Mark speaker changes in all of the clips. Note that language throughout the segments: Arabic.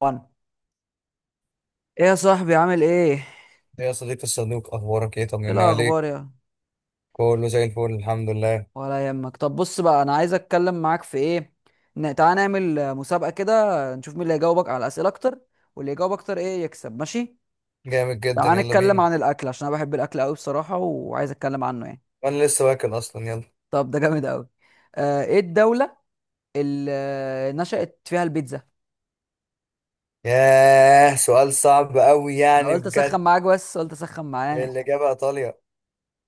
Speaker 1: وانا ايه يا صاحبي؟ عامل ايه؟
Speaker 2: يا صديقي الصدوق، اخبارك ايه؟ طمني عليك.
Speaker 1: الاخبار يا
Speaker 2: كله زي الفل، الحمد لله.
Speaker 1: ولا يهمك. طب بص بقى، انا عايز اتكلم معاك في ايه. تعالى نعمل مسابقه كده، نشوف مين اللي هيجاوبك على اسئله اكتر، واللي يجاوب اكتر ايه يكسب، ماشي؟
Speaker 2: جامد جدا،
Speaker 1: تعالى
Speaker 2: يلا
Speaker 1: نتكلم
Speaker 2: بينا.
Speaker 1: عن الاكل، عشان انا بحب الاكل قوي بصراحه، وعايز اتكلم عنه يعني.
Speaker 2: وانا لسه واكل اصلا، يلا.
Speaker 1: طب ده جامد قوي. آه، ايه الدوله اللي نشأت فيها البيتزا؟
Speaker 2: ياه، سؤال صعب قوي
Speaker 1: انا
Speaker 2: يعني
Speaker 1: قلت
Speaker 2: بجد.
Speaker 1: اسخن معاك، بس قلت اسخن معاك.
Speaker 2: الاجابه ايطاليا.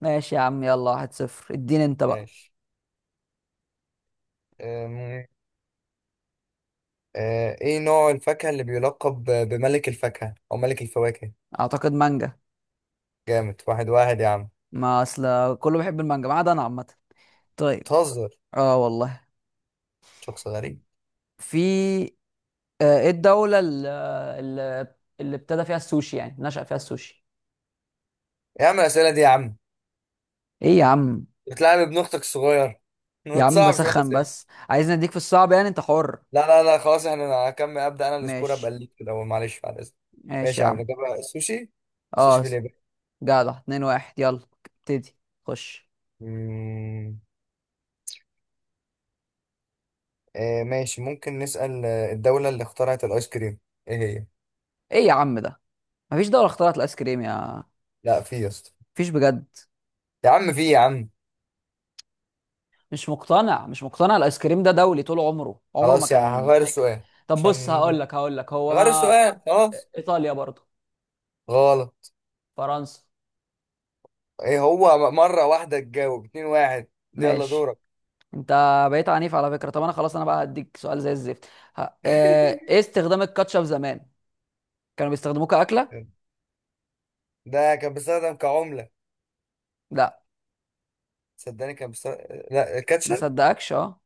Speaker 1: ماشي يا عم، يلا، واحد صفر. اديني انت بقى.
Speaker 2: ماشي. أم، ايه نوع الفاكهه اللي بيلقب بملك الفاكهه او ملك الفواكه؟
Speaker 1: اعتقد مانجا.
Speaker 2: جامد، واحد واحد يا عم.
Speaker 1: ما اصل كله بيحب المانجا ما عدا انا عامه. طيب.
Speaker 2: بتهزر؟
Speaker 1: اه والله.
Speaker 2: شخص غريب.
Speaker 1: في، ايه الدولة اللي اللي ابتدى فيها السوشي، يعني نشأ فيها السوشي؟
Speaker 2: يا عم الاسئله دي يا عم،
Speaker 1: ايه يا عم.
Speaker 2: بتلعب ابن اختك الصغير ما
Speaker 1: يا عم
Speaker 2: تصعبش بقى
Speaker 1: بسخن
Speaker 2: الاسئله.
Speaker 1: بس، عايز نديك في الصعب، يعني انت حر.
Speaker 2: لا لا لا خلاص، احنا انا هكمل، ابدا انا السكور ابقى
Speaker 1: ماشي،
Speaker 2: ليك كده، معلش بعد اذنك.
Speaker 1: ماشي
Speaker 2: ماشي
Speaker 1: يا
Speaker 2: يا عم،
Speaker 1: عم.
Speaker 2: نجيبها السوشي. السوشي
Speaker 1: اه.
Speaker 2: في اليابان.
Speaker 1: جدع، اتنين واحد، يلا ابتدي. خش.
Speaker 2: مم، ماشي، ممكن نسال الدوله اللي اخترعت الايس كريم. ايه هي؟
Speaker 1: ايه يا عم ده، مفيش دولة اخترعت الايس كريم يا.
Speaker 2: لا، في يا اسطى.
Speaker 1: مفيش بجد؟
Speaker 2: يا عم في يا عم.
Speaker 1: مش مقتنع مش مقتنع، الايس كريم ده دولي طول عمره، عمره ما
Speaker 2: خلاص، يا
Speaker 1: كان
Speaker 2: هغير
Speaker 1: فكرة.
Speaker 2: السؤال.
Speaker 1: طب بص
Speaker 2: عشان
Speaker 1: هقول لك هقول لك، هو
Speaker 2: غير
Speaker 1: ما.
Speaker 2: السؤال خلاص.
Speaker 1: ايطاليا برضه.
Speaker 2: غلط.
Speaker 1: فرنسا.
Speaker 2: ايه هو؟ مره واحده تجاوب، اتنين واحد. يلا
Speaker 1: ماشي.
Speaker 2: دورك.
Speaker 1: انت بقيت عنيف على فكره. طب انا خلاص، انا بقى هديك سؤال زي الزفت. ه- ايه استخدام الكاتشب زمان؟ كانوا بيستخدموه كاكله.
Speaker 2: ده كان بيستخدم كعمله.
Speaker 1: لا.
Speaker 2: صدقني كان بيستخدم. لا،
Speaker 1: ما
Speaker 2: الكاتشب.
Speaker 1: صدقكش اه.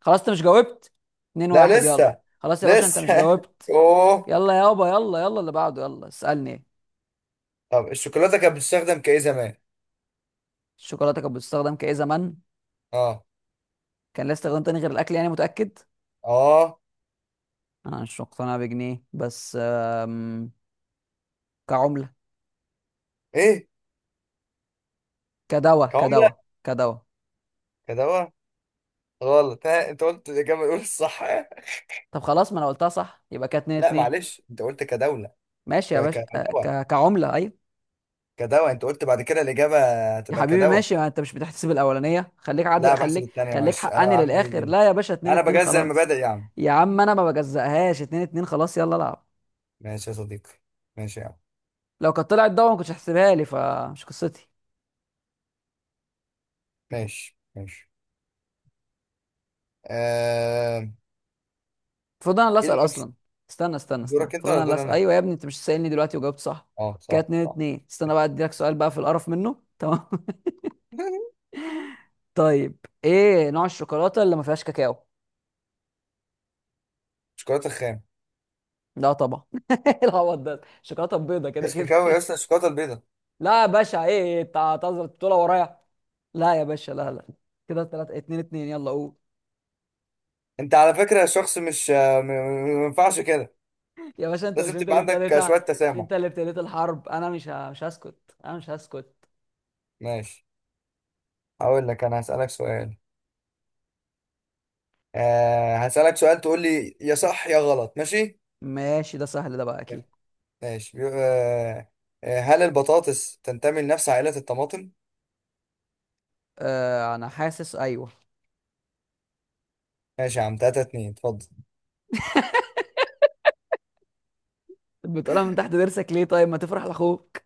Speaker 1: خلاص انت مش جاوبت، اتنين
Speaker 2: لا
Speaker 1: واحد، يلا.
Speaker 2: لسه.
Speaker 1: خلاص يا باشا، انت مش
Speaker 2: لسه
Speaker 1: جاوبت.
Speaker 2: اوه.
Speaker 1: يلا يابا، يلا يلا اللي بعده، يلا اسالني ايه.
Speaker 2: طب الشوكولاته كانت بتستخدم كايه زمان؟
Speaker 1: الشوكولاته كانت بتستخدم كايه زمان؟
Speaker 2: اه.
Speaker 1: كان لها استخدام تاني غير الاكل، يعني متاكد؟
Speaker 2: اه.
Speaker 1: انا مش مقتنع بجنيه، بس كعمله.
Speaker 2: ايه؟
Speaker 1: كدواء
Speaker 2: كعمله.
Speaker 1: كدواء كدواء
Speaker 2: كدواء. غلط. ها، انت قلت الاجابه الاولى الصح
Speaker 1: طب خلاص ما انا قلتها صح، يبقى كانت اتنين
Speaker 2: لا
Speaker 1: اتنين.
Speaker 2: معلش، انت قلت كدوله.
Speaker 1: ماشي يا باشا،
Speaker 2: كدواء.
Speaker 1: كعمله، ايوه.
Speaker 2: كدواء انت قلت، بعد كده الاجابه
Speaker 1: يا
Speaker 2: هتبقى
Speaker 1: حبيبي
Speaker 2: كدواء.
Speaker 1: ماشي، ما انت مش بتحتسب الاولانيه، خليك عادل،
Speaker 2: لا بحسب
Speaker 1: خليك
Speaker 2: الثانيه
Speaker 1: خليك
Speaker 2: معلش، انا
Speaker 1: حقاني للاخر.
Speaker 2: عندي.
Speaker 1: لا يا باشا، 2
Speaker 2: انا
Speaker 1: 2
Speaker 2: بجزء
Speaker 1: خلاص.
Speaker 2: المبادئ يا عم.
Speaker 1: يا عم انا ما بجزقهاش، 2-2 خلاص، يلا العب.
Speaker 2: ماشي يا صديقي. ماشي يا عم.
Speaker 1: لو كانت طلعت ضوء ما كنتش هحسبها لي، فمش قصتي.
Speaker 2: ماشي ماشي. آه...
Speaker 1: المفروض انا اللي
Speaker 2: ايه
Speaker 1: اسال
Speaker 2: المفروض؟
Speaker 1: اصلا. استنى.
Speaker 2: دورك انت
Speaker 1: المفروض
Speaker 2: ولا
Speaker 1: انا اللي
Speaker 2: دور
Speaker 1: اسال،
Speaker 2: انا؟
Speaker 1: ايوه يا ابني، انت مش سائلني دلوقتي وجاوبت صح.
Speaker 2: اه،
Speaker 1: كانت
Speaker 2: صح
Speaker 1: 2
Speaker 2: صح.
Speaker 1: 2 استنى بقى اديلك سؤال بقى في القرف منه، تمام؟ طيب. ايه نوع الشوكولاته اللي ما فيهاش كاكاو؟
Speaker 2: شوكولاته خام.
Speaker 1: لا طبعا. إيه العبط ده، الشوكولاته بيضه كده
Speaker 2: مفيش
Speaker 1: كده.
Speaker 2: كاكاو يا اسطى، الشوكولاته البيضاء.
Speaker 1: لا يا باشا، ايه إيه، انت هتهزر البطوله ورايا؟ لا يا باشا، لا لا. كده ثلاثة اتنين اتنين، يلا قول.
Speaker 2: انت على فكره شخص مش ما ينفعش كده.
Speaker 1: يا باشا انت،
Speaker 2: لازم
Speaker 1: مش انت
Speaker 2: تبقى
Speaker 1: اللي
Speaker 2: عندك شويه
Speaker 1: ابتديتها؟ مش
Speaker 2: تسامح.
Speaker 1: انت اللي ابتديت الحرب؟ انا مش مش هسكت، انا مش هسكت.
Speaker 2: ماشي. هقول لك انا هسالك سؤال. هسالك سؤال تقول لي يا صح يا غلط، ماشي؟
Speaker 1: ماشي. ده سهل ده بقى، اكيد.
Speaker 2: ماشي. هل البطاطس تنتمي لنفس عائله الطماطم؟
Speaker 1: آه، انا حاسس ايوه.
Speaker 2: ماشي يا عم، 3-2. اتفضل.
Speaker 1: بتقولها من تحت ضرسك ليه؟ طيب، ما تفرح لاخوك.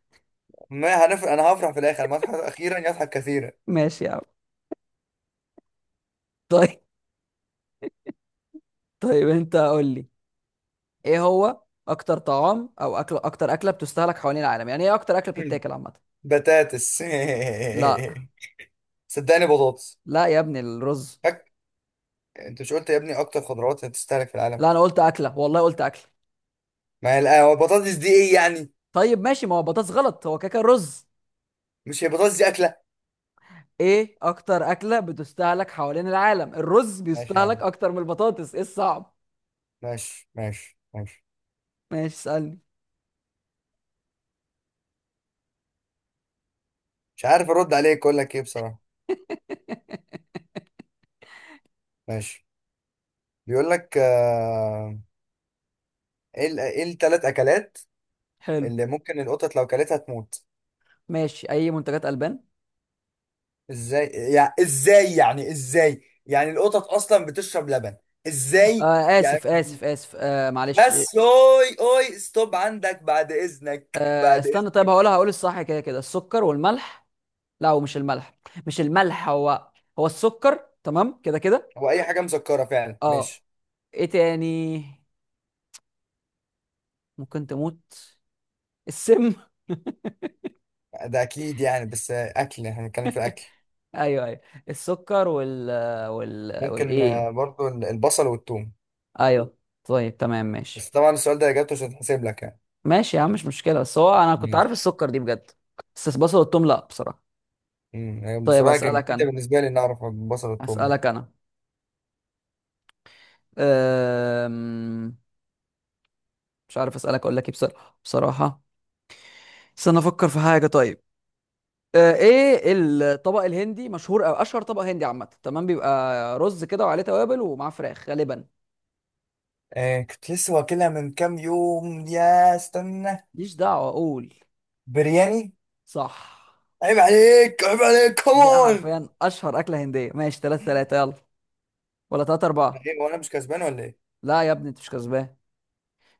Speaker 2: ما هنف... انا هفرح في الاخر، ما اضحك اخيرا يضحك كثيرا.
Speaker 1: ماشي يا عم. طيب. طيب انت قول لي. ايه هو اكتر طعام او اكل، اكتر اكله بتستهلك حوالين العالم، يعني ايه اكتر اكله
Speaker 2: مم.
Speaker 1: بتتاكل عامه؟
Speaker 2: بطاطس
Speaker 1: لا.
Speaker 2: صدقني بطاطس.
Speaker 1: لا يا ابني، الرز.
Speaker 2: فك. انت مش قلت يا ابني اكتر خضروات هتستهلك في العالم؟
Speaker 1: لا انا قلت اكله، والله قلت اكله.
Speaker 2: ما هي القهوة، البطاطس دي ايه يعني؟
Speaker 1: طيب ماشي، ما هو بطاطس غلط، هو كاكا رز.
Speaker 2: مش هي البطاطس دي اكلة؟
Speaker 1: ايه اكتر اكله بتستهلك حوالين العالم؟ الرز
Speaker 2: ماشي يا
Speaker 1: بيستهلك
Speaker 2: عم.
Speaker 1: اكتر من البطاطس، ايه الصعب؟
Speaker 2: ماشي ماشي ماشي.
Speaker 1: ماشي اسالني.
Speaker 2: مش عارف ارد عليك اقول لك ايه بصراحة. ماشي. بيقول لك ايه الثلاث اكلات
Speaker 1: حلو.
Speaker 2: اللي ممكن القطط لو كلتها تموت؟
Speaker 1: ماشي، اي منتجات البان.
Speaker 2: ازاي؟ يعني ازاي، يعني ازاي، يعني القطط اصلا بتشرب لبن؟ ازاي؟ يعني،
Speaker 1: اسف، معلش.
Speaker 2: بس اوي اوي، ستوب عندك، بعد اذنك
Speaker 1: آه،
Speaker 2: بعد
Speaker 1: استنى.
Speaker 2: اذنك.
Speaker 1: طيب هقولها، هقول الصح، كده كده. السكر والملح. لا هو مش الملح، مش الملح هو، هو السكر، تمام كده كده.
Speaker 2: هو اي حاجة مسكرة فعلا،
Speaker 1: اه.
Speaker 2: ماشي.
Speaker 1: ايه تاني ممكن تموت؟ السم.
Speaker 2: ده اكيد يعني، بس اكل احنا بنتكلم في الاكل.
Speaker 1: ايوه ايوه. السكر
Speaker 2: ممكن
Speaker 1: والايه؟
Speaker 2: برضو البصل والثوم.
Speaker 1: ايوه. طيب تمام. ماشي،
Speaker 2: بس طبعا السؤال ده اجابته مش هتحسب لك يعني.
Speaker 1: ماشي يا عم، مش مشكله، بس هو انا كنت عارف
Speaker 2: ماشي.
Speaker 1: السكر دي بجد. بس بصل والثوم لا بصراحه. طيب
Speaker 2: بصراحه كانت
Speaker 1: اسالك
Speaker 2: جديده
Speaker 1: انا،
Speaker 2: بالنسبه لي ان اعرف البصل والثوم ده.
Speaker 1: اسالك انا. أم... مش عارف اسالك اقول لك ايه بصراحه بصراحه. استنى افكر في حاجه، طيب. ايه الطبق الهندي مشهور، او اشهر طبق هندي عامه، تمام؟ بيبقى رز كده وعليه توابل ومعاه فراخ غالبا.
Speaker 2: كنت لسه واكلها من كام يوم يا استنى.
Speaker 1: ماليش دعوه، اقول.
Speaker 2: برياني.
Speaker 1: صح.
Speaker 2: عيب عليك عيب عليك
Speaker 1: ده
Speaker 2: كمان.
Speaker 1: حرفيا اشهر اكله هنديه، ماشي 3-3 يلا. ولا 3-4؟
Speaker 2: ايه، وانا مش كسبان ولا ايه؟
Speaker 1: لا يا ابني انت مش كسبان.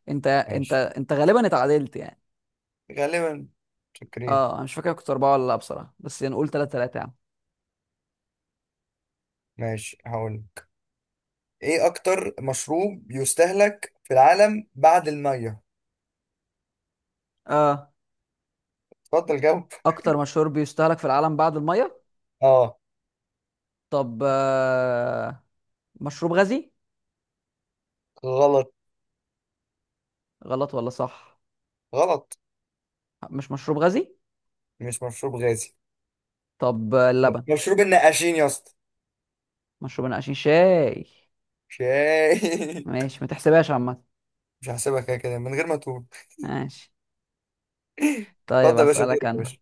Speaker 1: انت انت
Speaker 2: ماشي.
Speaker 1: انت غالبا اتعادلت يعني.
Speaker 2: غالبا. شكرين.
Speaker 1: اه انا مش فاكر كنت اربعة ولا لا بصراحة، بس يعني نقول تلاتة تلاتة يا عم.
Speaker 2: ماشي هقول. ايه اكتر مشروب يستهلك في العالم بعد الميه؟
Speaker 1: اه.
Speaker 2: اتفضل جاوب.
Speaker 1: اكتر مشروب بيستهلك في العالم بعد المية؟
Speaker 2: اه.
Speaker 1: طب، مشروب غازي.
Speaker 2: غلط.
Speaker 1: غلط ولا صح؟
Speaker 2: غلط.
Speaker 1: مش مشروب غازي.
Speaker 2: مش مشروب غازي.
Speaker 1: طب، اللبن.
Speaker 2: مشروب النقاشين يا اسطى.
Speaker 1: مشروب نقاشين؟ شاي.
Speaker 2: شاي
Speaker 1: ماشي، ما تحسبهاش عامة.
Speaker 2: مش هحسبها كده كده من غير ما تقول.
Speaker 1: ماشي. طيب
Speaker 2: اتفضل يا باشا،
Speaker 1: اسألك
Speaker 2: دورك يا
Speaker 1: انا،
Speaker 2: باشا.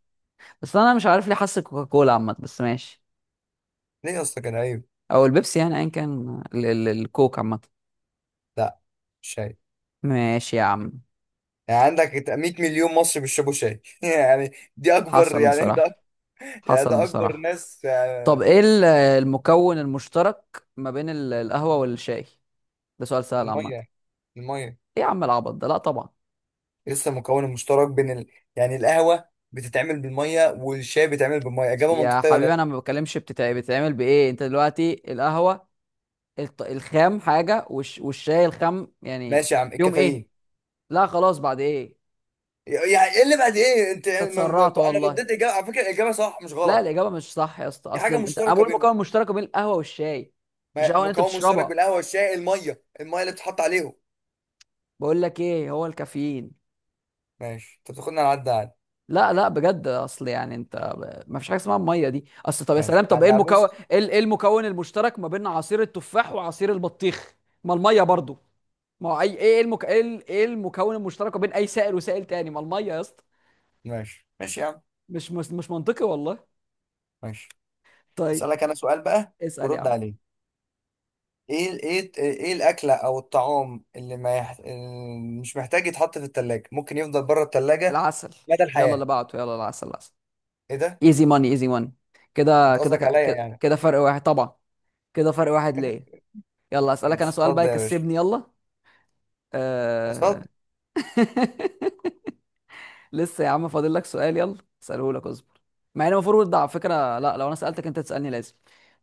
Speaker 1: بس انا مش عارف ليه حاسس كوكاكولا، عامة بس ماشي،
Speaker 2: ليه يا اسطى، كان عيب؟
Speaker 1: او البيبسي، يعني ايا كان الكوك، عامة.
Speaker 2: لا. شاي.
Speaker 1: ماشي يا عم.
Speaker 2: يعني عندك 100 مليون مصري بيشربوا شاي يعني. دي اكبر
Speaker 1: حصل
Speaker 2: يعني
Speaker 1: بصراحة،
Speaker 2: ده. يعني
Speaker 1: حصل
Speaker 2: ده اكبر
Speaker 1: بصراحة.
Speaker 2: ناس
Speaker 1: طب ايه المكون المشترك ما بين القهوة والشاي؟ ده سؤال سهل عامة.
Speaker 2: الميه الميه.
Speaker 1: ايه يا عم العبط ده، لا طبعا.
Speaker 2: لسه مكون المشترك بين يعني القهوه بتتعمل بالميه والشاي بيتعمل بالميه، اجابه
Speaker 1: يا
Speaker 2: منطقيه ولا
Speaker 1: حبيبي
Speaker 2: لا؟
Speaker 1: انا ما بتكلمش بتتعب، بتتعمل بايه انت دلوقتي؟ القهوة الخام حاجة، والشاي الخام يعني.
Speaker 2: ماشي يا عم،
Speaker 1: يوم ايه؟
Speaker 2: الكافيين.
Speaker 1: لا خلاص، بعد ايه.
Speaker 2: يعني، ايه اللي بعد ايه؟ انت
Speaker 1: انت اتسرعت
Speaker 2: انا
Speaker 1: والله.
Speaker 2: رديت اجابه على فكره، الاجابه صح مش
Speaker 1: لا
Speaker 2: غلط.
Speaker 1: الاجابة مش صح يا اسطى،
Speaker 2: دي
Speaker 1: اصل
Speaker 2: حاجه
Speaker 1: انت، انا
Speaker 2: مشتركه
Speaker 1: بقول
Speaker 2: بينهم.
Speaker 1: مكون مشترك بين القهوة والشاي. مش قهوة اللي انت
Speaker 2: مكون مشترك
Speaker 1: بتشربها؟
Speaker 2: بالقهوه والشاي، الميه الميه اللي بتتحط عليهم.
Speaker 1: بقول لك ايه هو الكافيين.
Speaker 2: ماشي، انت بتاخدنا على عدى عادي.
Speaker 1: لا لا بجد، اصل يعني انت ما فيش حاجه اسمها الميه دي اصل. طب يا
Speaker 2: ماشي
Speaker 1: سلام، طب ايه
Speaker 2: عدى على،
Speaker 1: المكون،
Speaker 2: بص.
Speaker 1: ايه المكون المشترك ما بين عصير التفاح وعصير البطيخ؟ ما الميه برضو. ما هو اي ايه ايه المكون المشترك ما بين اي سائل وسائل تاني؟ ما الميه يا اسطى.
Speaker 2: ماشي ماشي يا عم.
Speaker 1: مش منطقي والله.
Speaker 2: ماشي،
Speaker 1: طيب.
Speaker 2: اسالك انا سؤال بقى،
Speaker 1: اسال يا
Speaker 2: ورد
Speaker 1: عم.
Speaker 2: عليه. ايه الاكله او الطعام اللي ما يح... اللي مش محتاج يتحط في التلاجة، ممكن يفضل بره التلاجة
Speaker 1: العسل.
Speaker 2: مدى
Speaker 1: يلا اللي
Speaker 2: الحياه.
Speaker 1: بعده يلا، العسل العسل.
Speaker 2: ايه ده؟
Speaker 1: ايزي ماني، ايزي ماني. كده
Speaker 2: انت
Speaker 1: كده
Speaker 2: قصدك عليا
Speaker 1: كده
Speaker 2: يعني؟
Speaker 1: كده، فرق واحد طبعا. كده فرق واحد، ليه؟ يلا اسالك انا
Speaker 2: ماشي،
Speaker 1: سؤال بقى
Speaker 2: اتفضل يا باشا.
Speaker 1: يكسبني، يلا. أه...
Speaker 2: اتفضل.
Speaker 1: لسه يا عم فاضل لك سؤال، يلا. اساله لك، اصبر. مع ان المفروض ده على فكره، لا، لو انا سالتك انت تسالني لازم.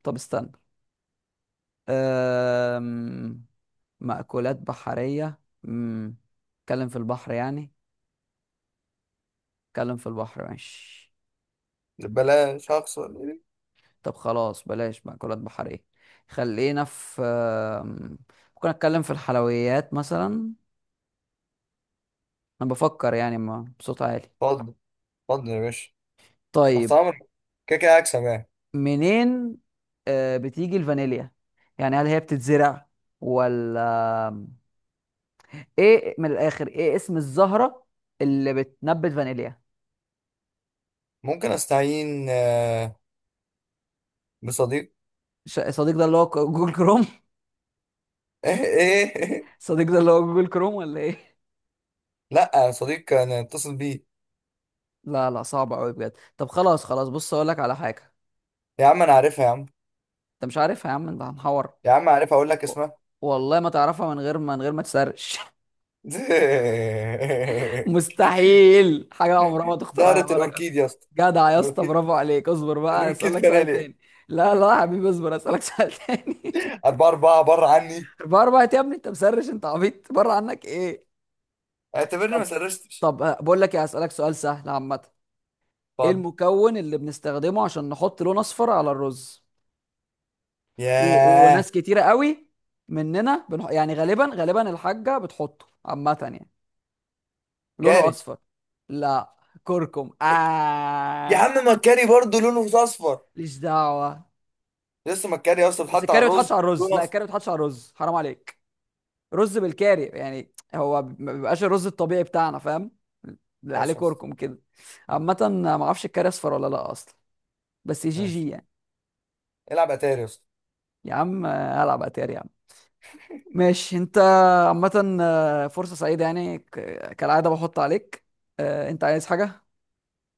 Speaker 1: طب استنى. أم... مأكولات بحريه. امم، اتكلم في البحر يعني، اتكلم في البحر ماشي.
Speaker 2: بلاش هخسر.
Speaker 1: طب خلاص بلاش مأكولات بحريه، خلينا في ممكن اتكلم في الحلويات مثلا. انا بفكر يعني، ما بصوت عالي.
Speaker 2: اتفضل. اتفضل يا باشا. تحت
Speaker 1: طيب.
Speaker 2: امرك. كده كده هكسب يعني.
Speaker 1: منين بتيجي الفانيليا؟ يعني هل هي بتتزرع ولا، ايه من الاخر، ايه اسم الزهرة اللي بتنبت فانيليا؟
Speaker 2: ممكن استعين بصديق.
Speaker 1: صديق ده اللي هو جوجل كروم؟
Speaker 2: ايه ايه إيه؟
Speaker 1: صديق ده اللي هو جوجل كروم ولا ايه؟
Speaker 2: لا يا صديق انا اتصل بيه.
Speaker 1: لا لا صعب قوي بجد. طب خلاص خلاص، بص اقول لك على حاجة.
Speaker 2: يا عم انا عارفها يا عم.
Speaker 1: انت مش عارفها يا عم، انت هنحور.
Speaker 2: يا عم عارفها، اقول لك
Speaker 1: و-
Speaker 2: اسمها؟
Speaker 1: والله ما تعرفها من غير ما، تسرش. مستحيل، حاجة عمرها ما تخطر على
Speaker 2: زهرة
Speaker 1: بالك اصلا.
Speaker 2: الاوركيد يا اسطى.
Speaker 1: جدع يا اسطى،
Speaker 2: الاوركيد.
Speaker 1: برافو عليك، اصبر بقى
Speaker 2: الاوركيد
Speaker 1: اسالك سؤال
Speaker 2: فنالي.
Speaker 1: تاني. لا لا يا حبيبي، اصبر اسالك سؤال تاني.
Speaker 2: اربعة اربعة، بره عني.
Speaker 1: بره بقى يا ابني، انت مسرش، انت عبيط، بره عنك ايه.
Speaker 2: اعتبرني ما
Speaker 1: طب،
Speaker 2: سرشتش.
Speaker 1: بقول لك ايه، اسالك سؤال سهل عامه. ايه
Speaker 2: اتفضل.
Speaker 1: المكون اللي بنستخدمه عشان نحط لون اصفر على الرز؟
Speaker 2: ياه.
Speaker 1: وناس كتيره قوي مننا يعني غالبا غالبا الحاجه بتحطه عامه يعني، لونه
Speaker 2: كاري.
Speaker 1: اصفر. لا، كركم
Speaker 2: يا
Speaker 1: آه.
Speaker 2: عم ما الكاري برضه لونه اصفر.
Speaker 1: ليش دعوه.
Speaker 2: لسه، ما الكاري يا اسطى
Speaker 1: بس
Speaker 2: اتحط على
Speaker 1: الكاري ما بيتحطش
Speaker 2: الرز
Speaker 1: على الرز،
Speaker 2: لونه
Speaker 1: لا
Speaker 2: اصفر.
Speaker 1: الكاري ما بيتحطش على الرز، حرام عليك. رز بالكاري يعني هو ما بيبقاش الرز الطبيعي بتاعنا، فاهم؟ اللي عليه
Speaker 2: ماشي يا اسطى.
Speaker 1: كركم كده. عامه، ما اعرفش الكاري اصفر ولا لا اصلا، بس جي
Speaker 2: ماشي،
Speaker 1: جي يعني.
Speaker 2: العب اتاري يا اسطى.
Speaker 1: يا عم هلعب اتاري يا عم. ماشي انت. عامة، فرصة سعيدة يعني، كالعادة بحط عليك. آه، انت عايز حاجة؟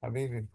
Speaker 2: حبيبي.